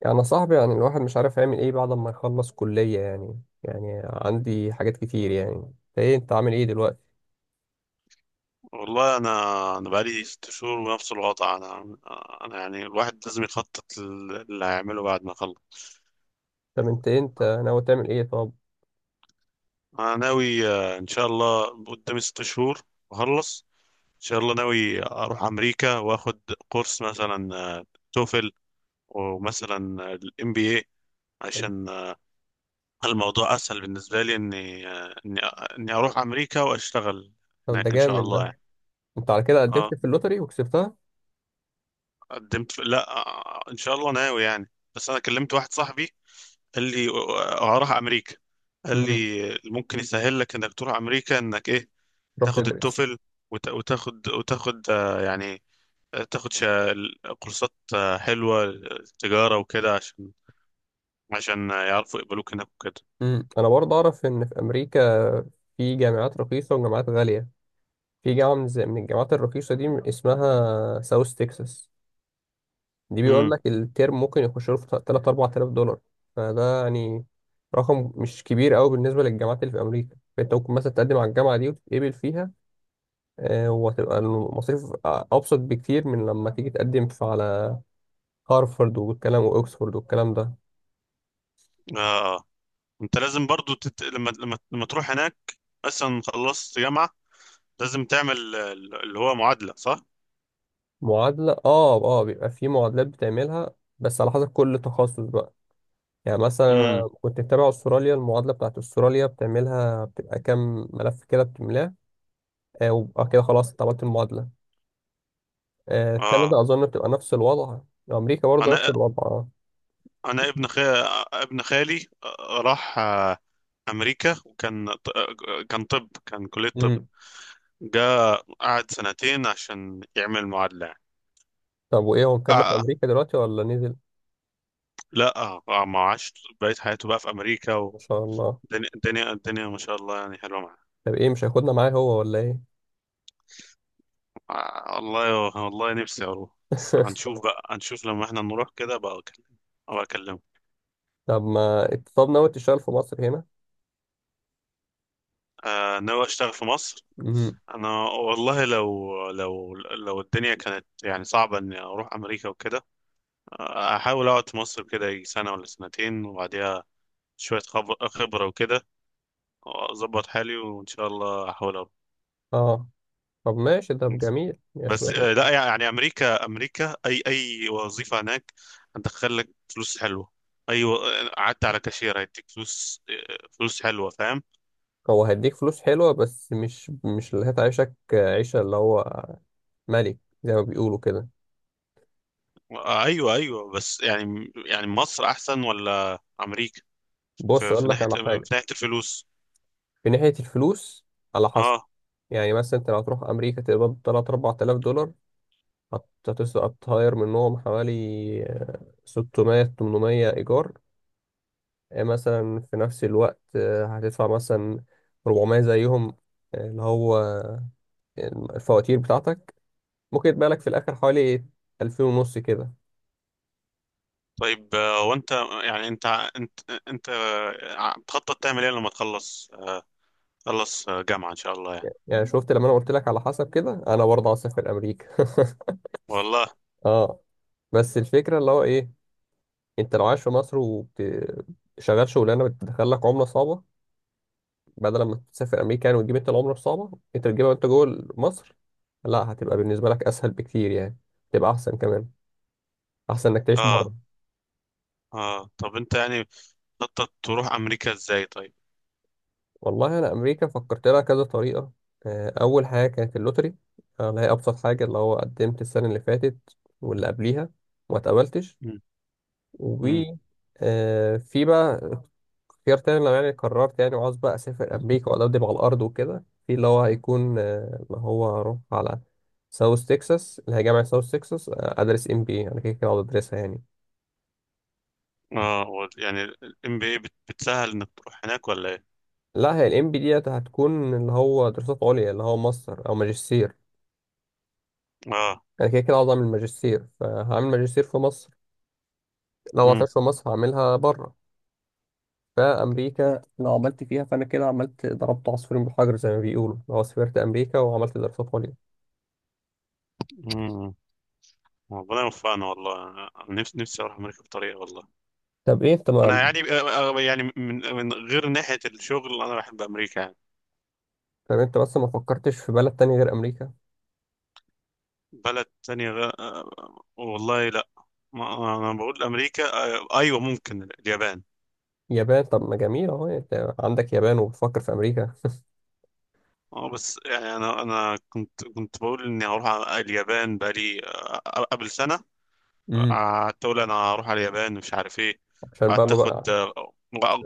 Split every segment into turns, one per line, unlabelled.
يعني يا صاحبي، الواحد مش عارف يعمل ايه بعد ما يخلص كلية. يعني عندي حاجات كتير. يعني انت ايه، انت عامل ايه دلوقتي؟
والله انا بقالي 6 شهور ونفس الوضع، انا يعني الواحد لازم يخطط اللي هيعمله بعد ما اخلص.
طب انت إيه، انت ناوي تعمل ايه طب؟
انا ناوي، ان شاء الله قدامي 6 شهور اخلص. ان شاء الله ناوي اروح امريكا واخد كورس مثلا توفل، ومثلا الام بي اي،
طب
عشان الموضوع اسهل بالنسبه لي، اني، اني اني اروح امريكا واشتغل
طب، ده
هناك ان شاء
جامد
الله
ده.
يعني.
انت على كده قدمت
اه،
في اللوتري وكسبتها؟
قدمت في... لا، ان شاء الله ناوي يعني. بس انا كلمت واحد صاحبي، قال لي هروح امريكا. قال
امم.
لي ممكن يسهل لك انك تروح امريكا، انك ايه،
تروح
تاخد
تدرس.
التوفل، وتاخد، يعني، تاخد، كورسات، حلوه، تجاره وكده، عشان يعرفوا يقبلوك هناك وكده.
امم، انا برضه اعرف ان في امريكا في جامعات رخيصة وجامعات غالية. في جامعة من الجامعات الرخيصة دي اسمها ساوث تكساس. دي بيقول
امم.
لك الترم ممكن يخش له في 3 4000 دولار. فده يعني رقم مش كبير قوي بالنسبه للجامعات اللي في امريكا. فانت ممكن مثلا تقدم على الجامعه دي وتتقبل فيها. وهتبقى المصاريف ابسط بكتير من لما تيجي تقدم في على هارفارد والكلام، واكسفورد والكلام ده.
اه. انت لازم برضو، تت... لما لما لما تروح هناك، مثلا خلصت جامعه، لازم تعمل اللي هو معادله، صح.
معادله، اه اه، بيبقى في معادلات بتعملها، بس على حسب كل تخصص بقى. يعني مثلا
امم.
أنا كنت متابع استراليا. المعادله بتاعت استراليا بتعملها، بتبقى كام ملف كده بتملاه. وبقى كده خلاص انت عملت المعادله.
اه.
كندا أظن بتبقى نفس الوضع. أمريكا برضه نفس
انا
الوضع.
انا ابن خال... ابن خالي، راح، امريكا. وكان، كان كلية طب.
مم.
جا قعد سنتين عشان يعمل معادلة يعني.
طب وإيه، هو مكمل في
آه
أمريكا دلوقتي ولا نزل؟
لا، ما عاش، بقيت حياته بقى في امريكا.
ما شاء الله.
والدنيا الدنيا الدنيا ما شاء الله يعني حلوة معاه.
طب إيه، مش هياخدنا معاه هو ولا إيه؟
والله والله، نفسي اروح. بس هنشوف بقى، هنشوف لما احنا نروح كده بقى اكلمه، ابقى اكلمه.
طب ما، طب ناوي تشتغل في مصر هنا؟
آه، ناوي اشتغل في مصر.
مم.
انا والله، لو لو الدنيا كانت يعني صعبة اني اروح امريكا وكده، احاول اقعد في مصر كده يجي سنه ولا سنتين، وبعديها شويه خبره وكده، واظبط حالي وان شاء الله احاول اروح.
آه، طب ماشي، ده جميل يا
بس
شوية.
لا يعني، امريكا، امريكا اي وظيفه هناك هتدخل لك فلوس حلوه. اي و- قعدت على كاشير، هيديك فلوس، فلوس حلوه، فاهم.
هو هيديك فلوس حلوة، بس مش اللي هتعيشك عيشة اللي هو ملك، زي ما بيقولوا كده.
ايوه ايوه، بس يعني مصر احسن ولا امريكا؟
بص
في,
أقول
في
لك
ناحيه
على
في
حاجة.
ناحيه الفلوس.
في ناحية الفلوس، على حسب.
اه،
يعني مثلا أنت لو هتروح أمريكا تقبض 3 4000 دولار، هتسقط هتطير منهم حوالي 600 800 إيجار. مثلا في نفس الوقت هتدفع مثلا 400 زيهم، اللي هو الفواتير بتاعتك. ممكن يتبقى لك في الآخر حوالي 2000 ونص كده.
طيب، وانت يعني، انت انت بتخطط تعمل ايه لما، تخلص، جامعة ان شاء الله يعني؟
يعني شفت لما أنا قلت لك على حسب كده، أنا برضه عايز أسافر أمريكا.
والله.
اه، بس الفكرة اللي هو إيه، أنت لو عايش في مصر وشغال شغلانة بتدخل لك عملة صعبة، بدل ما تسافر امريكا يعني وتجيب انت العمله الصعبه، انت تجيبها وانت جوه مصر. لا، هتبقى بالنسبه لك اسهل بكتير يعني. تبقى احسن كمان، احسن انك تعيش بره.
اه. اه. طب انت يعني بتخطط تروح امريكا ازاي طيب؟
والله انا امريكا فكرت لها كذا طريقه. اول حاجه كانت اللوتري، اللي هي ابسط حاجه، اللي هو قدمت السنه اللي فاتت واللي قبليها وما اتقبلتش.
مم.
و
مم.
آه، في بقى اختيار تاني، لو يعني قررت يعني وعاوز بقى أسافر أمريكا وأدبدب على الأرض وكده، في اللي هو هيكون اللي هو هروح على ساوث تكساس اللي هي جامعة ساوث تكساس. أدرس إم بي أنا كده كده هقعد أدرسها يعني.
اه، يعني الام بي اي بتسهل انك تروح هناك ولا ايه؟
لا، هي الإم بي ديت هتكون اللي هو دراسات عليا، اللي هو ماستر أو ماجستير.
اه.
أنا كده كده عاوز أعمل ماجستير، فهعمل ماجستير في مصر. لو
مم.
معرفتش في مصر هعملها بره. فأمريكا لو عملت فيها فأنا كده عملت ضربت عصفورين بحجر، زي ما بيقولوا، لو سافرت أمريكا وعملت دراسات عليا.
مم. ربنا يوفقنا والله. أنا نفسي اروح امريكا بطريقة والله.
طب إيه أنت ما،
يعني، يعني من غير ناحية الشغل، انا بحب امريكا يعني.
طب انت بس ما فكرتش في بلد تاني غير امريكا؟
بلد تانية، غ... آه، والله لا، ما انا بقول امريكا. ايوه، ممكن اليابان.
يابان؟ طب ما جميل اهو، انت عندك يابان وبتفكر في امريكا.
اه، بس يعني انا كنت بقول اني هروح على اليابان بقالي، قبل سنة.
امم.
قعدت اقول انا هروح على اليابان، مش عارف ايه.
عشان بقى
قعدت
له
اخد
بقى.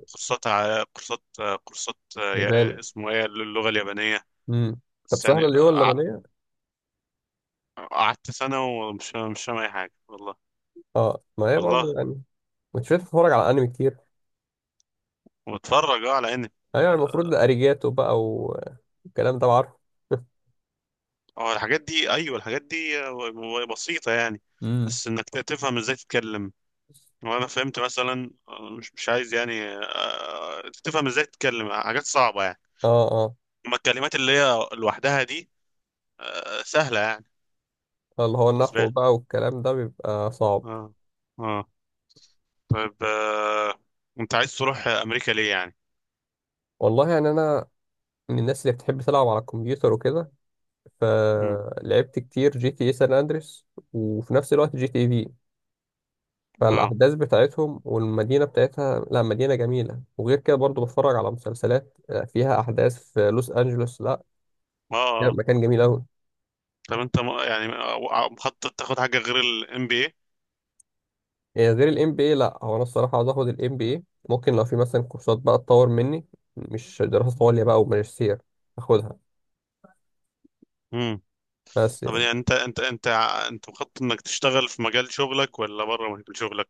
كورسات،
ياباني.
اسمه ايه، اللغة اليابانية؟
امم. طب
بس يعني
سهله اللي هو اللبنيه؟
قعدت سنة، ومش مش فاهم اي حاجة والله.
اه ما هي
والله،
برضه يعني. مش بتتفرج على انمي كتير؟
واتفرج اه على انمي.
ايوه يعني
آه،
المفروض ده اريجاتو بقى والكلام ده. عارفه.
اه، الحاجات دي، ايوه، الحاجات دي آه، بسيطة يعني.
امم.
بس انك تفهم ازاي تتكلم. وانا فهمت مثلا، مش عايز يعني تفهم ازاي تتكلم حاجات صعبة يعني.
اه اه.
اما الكلمات اللي هي لوحدها دي، سهلة يعني
اللي هو
بالنسبة
النحو
لي.
بقى والكلام ده بيبقى صعب.
اه. اه. طيب، انت عايز تروح امريكا ليه يعني؟
والله يعني انا من الناس اللي بتحب تلعب على الكمبيوتر وكده.
مم.
فلعبت كتير جي تي اي سان اندريس، وفي نفس الوقت جي تي اي في.
اه.
فالأحداث بتاعتهم والمدينة بتاعتها، لا مدينة جميلة. وغير كده برضو بتفرج على مسلسلات فيها أحداث في لوس أنجلوس. لا،
اه. آه.
مكان جميل أوي.
طب انت، يعني، مخطط تاخد حاجة غير الام بي
إيه غير ال MBA؟ لا، هو أنا الصراحة عاوز آخد ال MBA. ممكن لو في مثلا كورسات بقى تطور مني، مش دراسة عليا بقى وماجستير، آخدها.
اي؟
بس
طب
يعني،
يعني، انت انت مخطط انك تشتغل في مجال شغلك ولا بره مجال شغلك،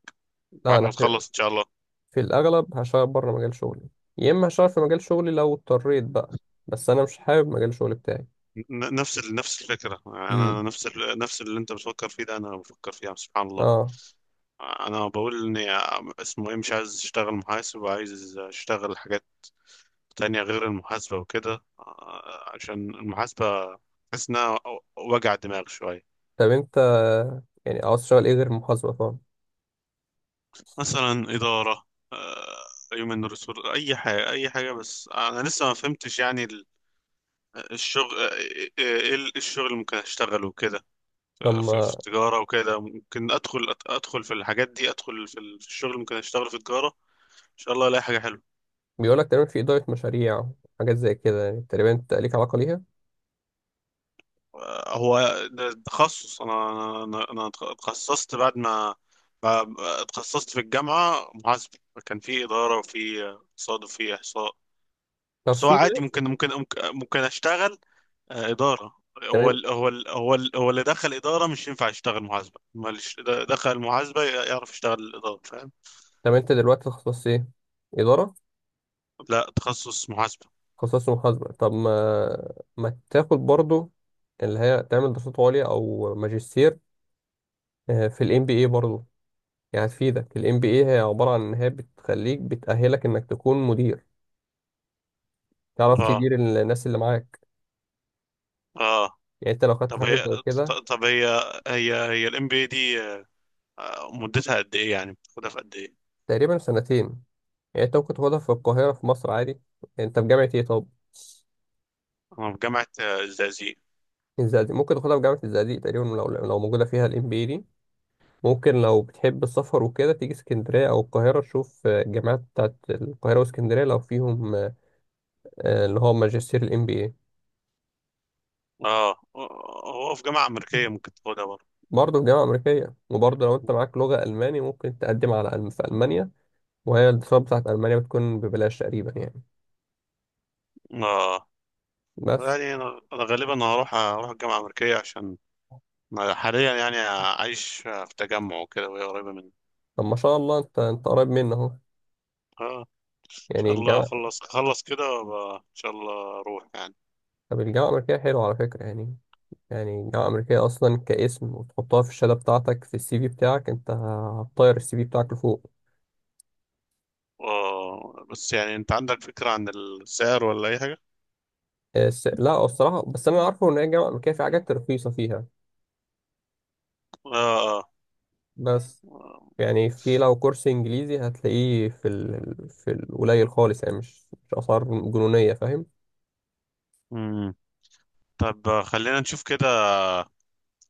لا
بعد ما
أنا في,
تخلص ان شاء الله؟
في الأغلب هشتغل بره مجال شغلي، يا إما هشتغل في مجال شغلي لو اضطريت بقى. بس أنا مش حابب مجال شغلي بتاعي.
نفس، نفس الفكره.
مم.
انا نفس، نفس اللي انت بتفكر فيه ده، انا بفكر فيه يعني، سبحان الله.
اه.
انا بقول اني، اسمه ايه، مش عايز اشتغل محاسب، وعايز اشتغل حاجات تانية غير المحاسبه وكده، عشان المحاسبه بحس انها وجع دماغ شويه.
طب أنت يعني عاوز تشتغل إيه غير المحاسبة طبعا؟
مثلا اداره، آه، هيومن ريسورس، اي حاجه، اي حاجه. بس انا لسه ما فهمتش يعني الشغل، ايه الشغل اللي ممكن اشتغله كده،
طب
في التجارة وكده. ممكن ادخل، في الحاجات دي، ادخل في الشغل اللي ممكن اشتغله في التجارة، ان شاء الله الاقي حاجة حلوة.
بيقول لك تقريبا في إدارة مشاريع، حاجات زي كده. يعني تقريبا أنت ليك علاقة ليها.
هو ده تخصص. انا اتخصصت، بعد ما، اتخصصت في الجامعة محاسبة. كان في إدارة وفي اقتصاد وفي إحصاء.
طب
بس هو
في
عادي، ممكن
ماشي.
ممكن اشتغل إدارة.
تمام.
هو اللي دخل إدارة مش ينفع يشتغل محاسبة، ما اللي، دخل محاسبة، يعرف يشتغل الإدارة، فاهم.
طب أنت دلوقتي تخصص إيه؟ إدارة؟
لا، تخصص محاسبة.
تخصص محاسبة. طب ما تاخد برضو اللي هي، تعمل دراسات عليا أو ماجستير في ال MBA برضو. يعني هتفيدك ال MBA. هي عبارة عن إن هي بتخليك، بتأهلك إنك تكون مدير، تعرف
اه.
تدير الناس اللي معاك.
اه.
يعني أنت لو خدت
طب
حاجة
هي،
زي كده.
طب، هي الام بي إيه دي، مدتها قد ايه يعني؟ بتاخدها في قد ايه؟
تقريبا سنتين. يعني أنت ممكن تاخدها في القاهرة في مصر عادي. أنت في جامعة إيه طب؟
انا في جامعة، الزقازيق.
الزقازيق. ممكن تاخدها في جامعة الزقازيق تقريبا لو موجودة فيها الام بي دي. ممكن لو بتحب السفر وكده تيجي اسكندرية أو القاهرة، تشوف الجامعات بتاعت القاهرة واسكندرية لو فيهم اللي هو ماجستير الام بي اي.
اه، هو في جامعة أمريكية ممكن تاخدها برضه.
برضه في جامعة أمريكية. وبرضه لو أنت معاك لغة ألماني، ممكن تقدم على ألم في ألمانيا، وهي الدراسات بتاعت ألمانيا بتكون ببلاش تقريبا يعني.
اه،
بس.
يعني انا، غالبا هروح الجامعة الأمريكية، عشان أنا حاليا يعني عايش في تجمع وكده وهي قريبة مني.
طب ما شاء الله، أنت أنت قريب منه أهو،
اه، شاء
يعني
الله
الجامعة.
خلص خلص كده وأبقى ان شاء الله اروح يعني.
طب الجامعة الأمريكية حلوة على فكرة يعني. يعني الجامعة الأمريكية أصلا كاسم وتحطها في الشهادة بتاعتك في السي في بتاعك، أنت هتطير السي في بتاعك لفوق.
بس يعني، انت عندك فكرة عن السعر ولا اي حاجة؟
لا الصراحة، بس أنا عارفه إن هي الجامعة الأمريكية في حاجات رخيصة فيها.
اه. اه.
بس
آه.
يعني في، لو كورس إنجليزي هتلاقيه في ال... في القليل خالص يعني، مش مش أسعار جنونية، فاهم؟
مم. طب، خلينا نشوف كده.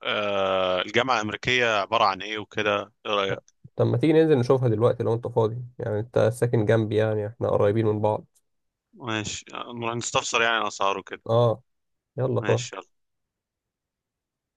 الجامعة الأمريكية عبارة عن ايه وكده، ايه رأيك؟
لا. طب ما تيجي ننزل نشوفها دلوقتي لو أنت فاضي؟ يعني أنت ساكن جنبي، يعني إحنا قريبين من بعض.
ماشي، نروح نستفسر يعني الأسعار وكده.
أه. يلا، فاضي؟
ماشي.